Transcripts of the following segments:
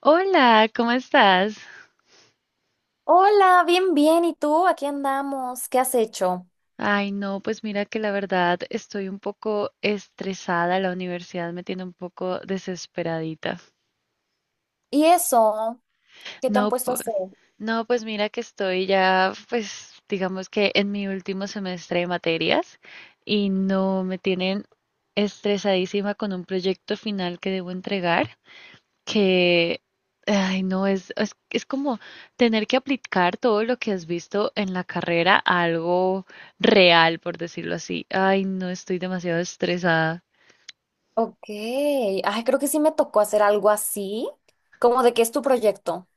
Hola, ¿cómo estás? Hola, bien, bien. ¿Y tú? Aquí andamos. ¿Qué has hecho? Ay, no, pues mira que la verdad estoy un poco estresada, la universidad me tiene un poco desesperadita. ¿Y eso? ¿Qué te han No, puesto a pu- hacer? no, pues mira que estoy ya, pues digamos que en mi último semestre de materias y no me tienen estresadísima con un proyecto final que debo entregar. Que, ay, no, es como tener que aplicar todo lo que has visto en la carrera a algo real, por decirlo así. Ay, no, estoy demasiado estresada. Ok. Ay, creo que sí me tocó hacer algo así. ¿Cómo de qué es tu proyecto?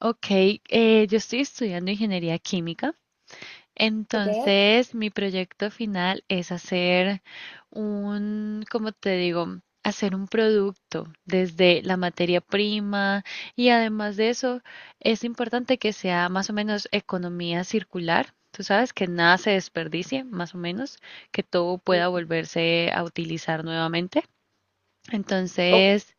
Ok, yo estoy estudiando ingeniería química. Ok. Entonces, mi proyecto final es hacer un, como te digo, hacer un producto desde la materia prima y además de eso, es importante que sea más o menos economía circular. Tú sabes que nada se desperdicie, más o menos, que todo pueda volverse a utilizar nuevamente. Ok. Entonces,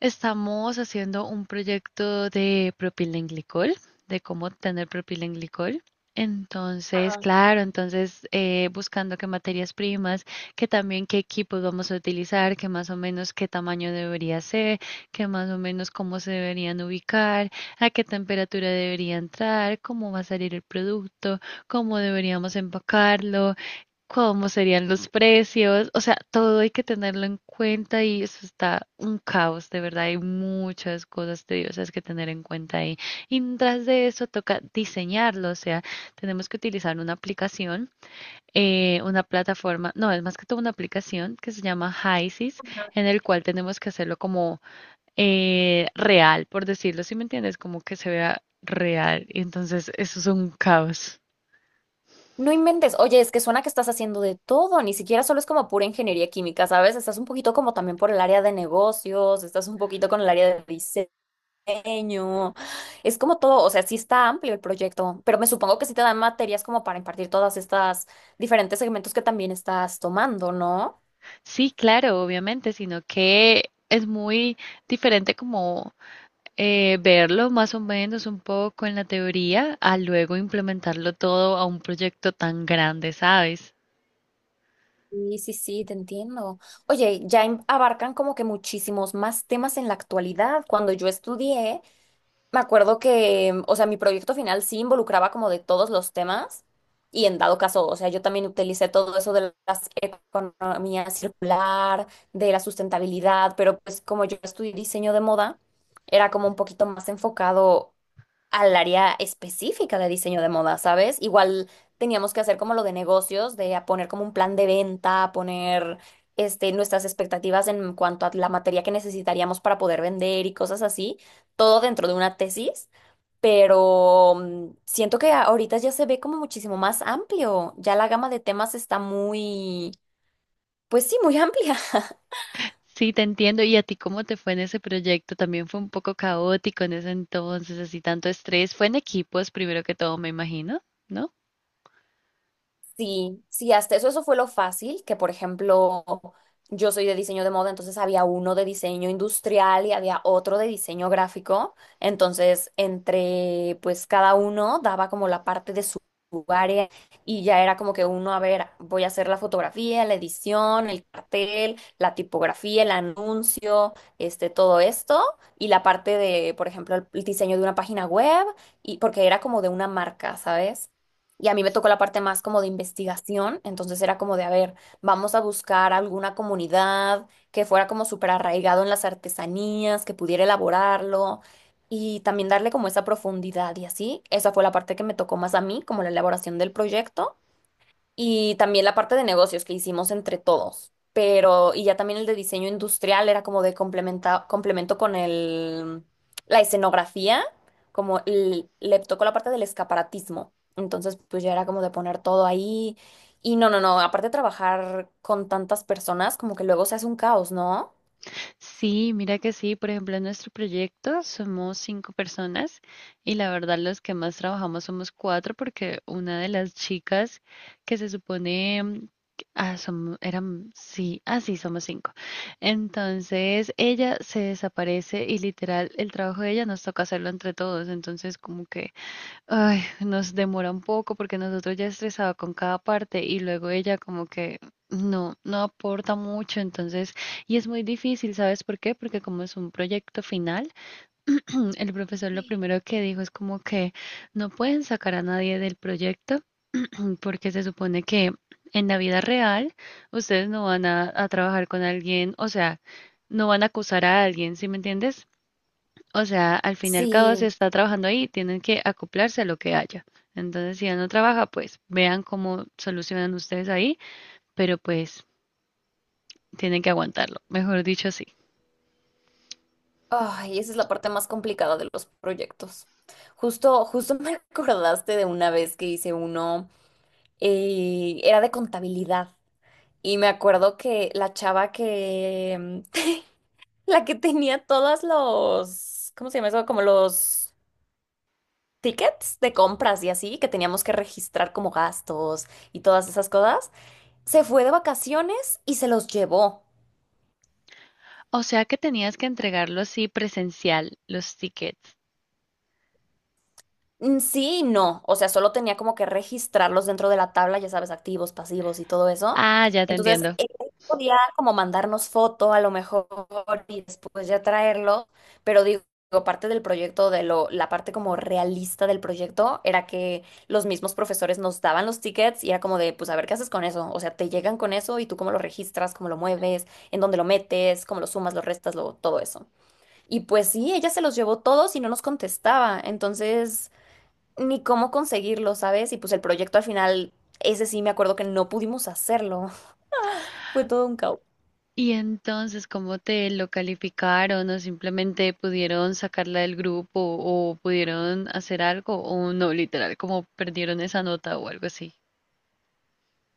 estamos haciendo un proyecto de propilenglicol, de cómo obtener propilenglicol. Entonces, Ajá. claro, entonces buscando qué materias primas, que también qué equipos vamos a utilizar, que más o menos qué tamaño debería ser, que más o menos cómo se deberían ubicar, a qué temperatura debería entrar, cómo va a salir el producto, cómo deberíamos empacarlo, cómo serían los precios, o sea, todo hay que tenerlo en cuenta y eso está un caos, de verdad, hay muchas cosas tediosas que tener en cuenta ahí. Y tras de eso toca diseñarlo, o sea, tenemos que utilizar una aplicación, una plataforma, no, es más que todo una aplicación que se llama Hisis, en el cual tenemos que hacerlo como real, por decirlo, ¿si me entiendes? Como que se vea real, y entonces eso es un caos. No inventes. Oye, es que suena que estás haciendo de todo. Ni siquiera solo es como pura ingeniería química, ¿sabes? Estás un poquito como también por el área de negocios, estás un poquito con el área de diseño. Es como todo, o sea, sí está amplio el proyecto, pero me supongo que sí te dan materias como para impartir todas estas diferentes segmentos que también estás tomando, ¿no? Sí, claro, obviamente, sino que es muy diferente como verlo más o menos un poco en la teoría a luego implementarlo todo a un proyecto tan grande, ¿sabes? Sí, sí, sí, te entiendo. Oye, abarcan como que muchísimos más temas en la actualidad. Cuando yo estudié, me acuerdo que, o sea, mi proyecto final sí involucraba como de todos los temas y en dado caso, o sea, yo también utilicé todo eso de las economía circular, de la sustentabilidad, pero pues como yo estudié diseño de moda, era como un poquito más enfocado al área específica de diseño de moda, ¿sabes? Igual teníamos que hacer como lo de negocios, de a poner como un plan de venta, a poner este, nuestras expectativas en cuanto a la materia que necesitaríamos para poder vender y cosas así, todo dentro de una tesis, pero siento que ahorita ya se ve como muchísimo más amplio, ya la gama de temas está muy, pues sí, muy amplia. Sí, te entiendo. ¿Y a ti cómo te fue en ese proyecto? También fue un poco caótico en ese entonces, así tanto estrés. Fue en equipos, primero que todo, me imagino, ¿no? Sí, sí, hasta eso, eso fue lo fácil, que por ejemplo, yo soy de diseño de moda, entonces había uno de diseño industrial y había otro de diseño gráfico, entonces entre pues cada uno daba como la parte de su área y ya era como que uno, a ver, voy a hacer la fotografía, la edición, el cartel, la tipografía, el anuncio, este, todo esto y la parte de, por ejemplo, el diseño de una página web y porque era como de una marca, ¿sabes? Y a mí me tocó la parte más como de investigación, entonces era como de, a ver, vamos a buscar alguna comunidad que fuera como súper arraigado en las artesanías, que pudiera elaborarlo y también darle como esa profundidad y así. Esa fue la parte que me tocó más a mí, como la elaboración del proyecto. Y también la parte de negocios que hicimos entre todos. Pero, y ya también el de diseño industrial era como de complementa, complemento con el, la escenografía, como le tocó la parte del escaparatismo. Entonces, pues ya era como de poner todo ahí. Y no, no, no, aparte de trabajar con tantas personas, como que luego se hace un caos, ¿no? Sí, mira que sí. Por ejemplo, en nuestro proyecto somos cinco personas y la verdad los que más trabajamos somos cuatro porque una de las chicas que se supone... Ah, eran, sí, ah, sí, somos cinco. Entonces ella se desaparece y literal el trabajo de ella nos toca hacerlo entre todos. Entonces como que ay, nos demora un poco porque nosotros ya estresado con cada parte y luego ella como que no, no aporta mucho, entonces, y es muy difícil, ¿sabes por qué? Porque como es un proyecto final, el profesor lo primero que dijo es como que no pueden sacar a nadie del proyecto porque se supone que en la vida real ustedes no van a trabajar con alguien, o sea, no van a acusar a alguien, ¿sí me entiendes? O sea, al fin y al cabo se Sí. está trabajando ahí, tienen que acoplarse a lo que haya. Entonces, si él no trabaja, pues vean cómo solucionan ustedes ahí, pero pues tienen que aguantarlo, mejor dicho sí. Ay, esa es la parte más complicada de los proyectos. Justo, justo me acordaste de una vez que hice uno, era de contabilidad. Y me acuerdo que la que tenía todos los, ¿cómo se llama eso? Como los tickets de compras y así, que teníamos que registrar como gastos y todas esas cosas, se fue de vacaciones y se los llevó. O sea que tenías que entregarlo así presencial, los tickets. Sí y no, o sea, solo tenía como que registrarlos dentro de la tabla, ya sabes, activos, pasivos y todo eso. Ah, ya te Entonces, entiendo. él podía como mandarnos foto a lo mejor y después ya traerlo, pero digo, parte del proyecto, de lo, la parte como realista del proyecto era que los mismos profesores nos daban los tickets y era como de, pues a ver qué haces con eso, o sea, te llegan con eso y tú cómo lo registras, cómo lo mueves, en dónde lo metes, cómo lo sumas, lo restas, lo, todo eso. Y pues sí, ella se los llevó todos y no nos contestaba, entonces ni cómo conseguirlo, ¿sabes? Y pues el proyecto al final, ese sí me acuerdo que no pudimos hacerlo. Fue todo un caos. Y entonces, ¿cómo te lo calificaron o simplemente pudieron sacarla del grupo o pudieron hacer algo o no, literal, como perdieron esa nota o algo así?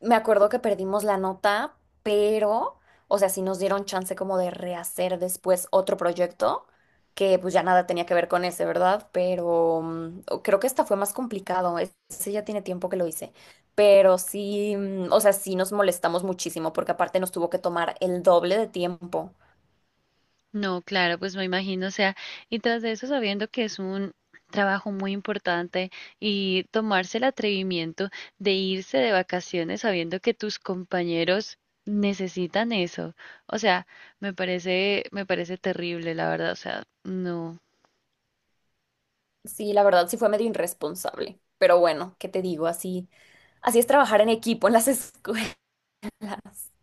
Me acuerdo que perdimos la nota, pero, o sea, sí nos dieron chance como de rehacer después otro proyecto, que pues ya nada tenía que ver con ese, ¿verdad? Pero creo que esta fue más complicado. Ese ya tiene tiempo que lo hice. Pero sí, o sea, sí nos molestamos muchísimo porque aparte nos tuvo que tomar el doble de tiempo. No, claro, pues me imagino, o sea, y tras de eso sabiendo que es un trabajo muy importante y tomarse el atrevimiento de irse de vacaciones sabiendo que tus compañeros necesitan eso. O sea, me parece terrible, la verdad, o sea, no. Sí, la verdad sí fue medio irresponsable. Pero bueno, ¿qué te digo? Así. Así es trabajar en equipo en las escuelas.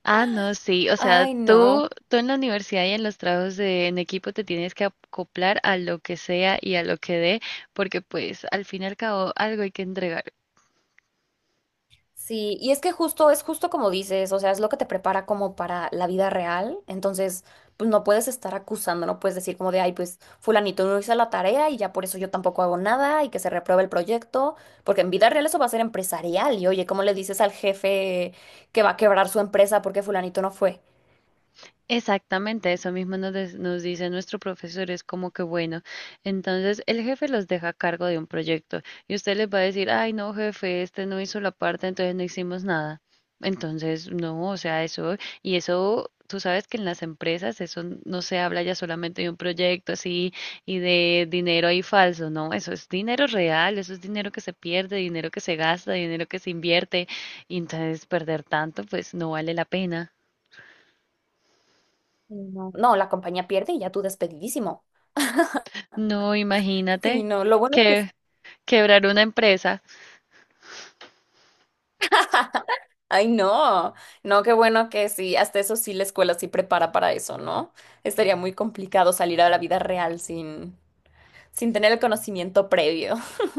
Ah, no, sí, o sea, Ay, no. tú en la universidad y en los trabajos de, en equipo te tienes que acoplar a lo que sea y a lo que dé, porque pues al fin y al cabo algo hay que entregar. Sí, y es que justo, es justo como dices, o sea, es lo que te prepara como para la vida real. Entonces, pues no puedes estar acusando, no puedes decir como de, ay, pues fulanito no hizo la tarea y ya por eso yo tampoco hago nada y que se repruebe el proyecto, porque en vida real eso va a ser empresarial. Y oye, ¿cómo le dices al jefe que va a quebrar su empresa porque fulanito no fue? Exactamente, eso mismo nos dice nuestro profesor, es como que bueno, entonces el jefe los deja a cargo de un proyecto y usted les va a decir, ay no jefe, este no hizo la parte, entonces no hicimos nada. Entonces, no, o sea, eso, y eso, tú sabes que en las empresas eso no se habla ya solamente de un proyecto así y de dinero ahí falso, no, eso es dinero real, eso es dinero que se pierde, dinero que se gasta, dinero que se invierte, y entonces perder tanto, pues no vale la pena. Sí, no. No, la compañía pierde y ya tú despedidísimo. No, Sí, imagínate no, lo bueno es que que quebrar una empresa. ay, no, no, qué bueno que sí, hasta eso sí la escuela sí prepara para eso, ¿no? Estaría muy complicado salir a la vida real sin, sin tener el conocimiento previo.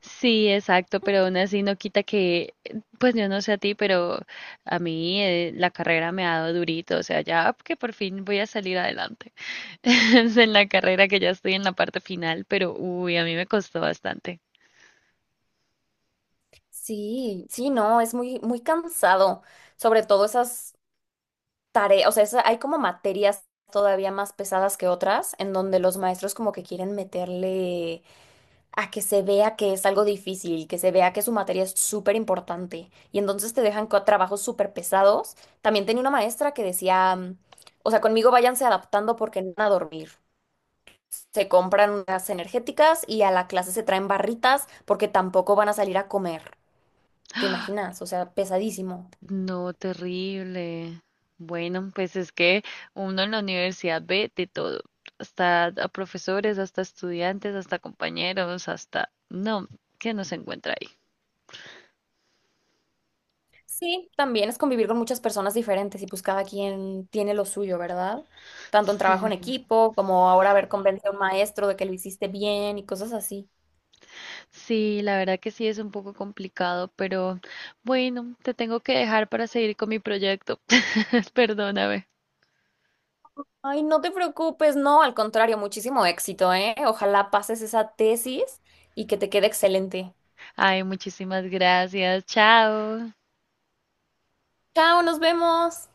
Sí, exacto, pero aún así no quita que, pues yo no sé a ti, pero a mí la carrera me ha dado durito, o sea, ya que por fin voy a salir adelante en la carrera que ya estoy en la parte final, pero uy, a mí me costó bastante. Sí, sí, no, es muy, muy cansado, sobre todo esas tareas, o sea, hay como materias todavía más pesadas que otras en donde los maestros como que quieren meterle a que se vea que es algo difícil, que se vea que su materia es súper importante y entonces te dejan trabajos súper pesados. También tenía una maestra que decía, o sea, conmigo váyanse adaptando porque no van a dormir. Se compran unas energéticas y a la clase se traen barritas porque tampoco van a salir a comer. ¿Te imaginas? O sea, pesadísimo. No, terrible. Bueno, pues es que uno en la universidad ve de todo, hasta a profesores, hasta estudiantes, hasta compañeros, hasta... No, que no se encuentra ahí. Sí, también es convivir con muchas personas diferentes y pues cada quien tiene lo suyo, ¿verdad? Tanto en trabajo Sí, sí, en equipo como ahora ver convence a un maestro de que lo hiciste bien y cosas así. sí, la verdad que sí es un poco complicado, pero bueno, te tengo que dejar para seguir con mi proyecto. Perdóname. Ay, no te preocupes, no, al contrario, muchísimo éxito, ¿eh? Ojalá pases esa tesis y que te quede excelente. Ay, muchísimas gracias. Chao. Chao, nos vemos.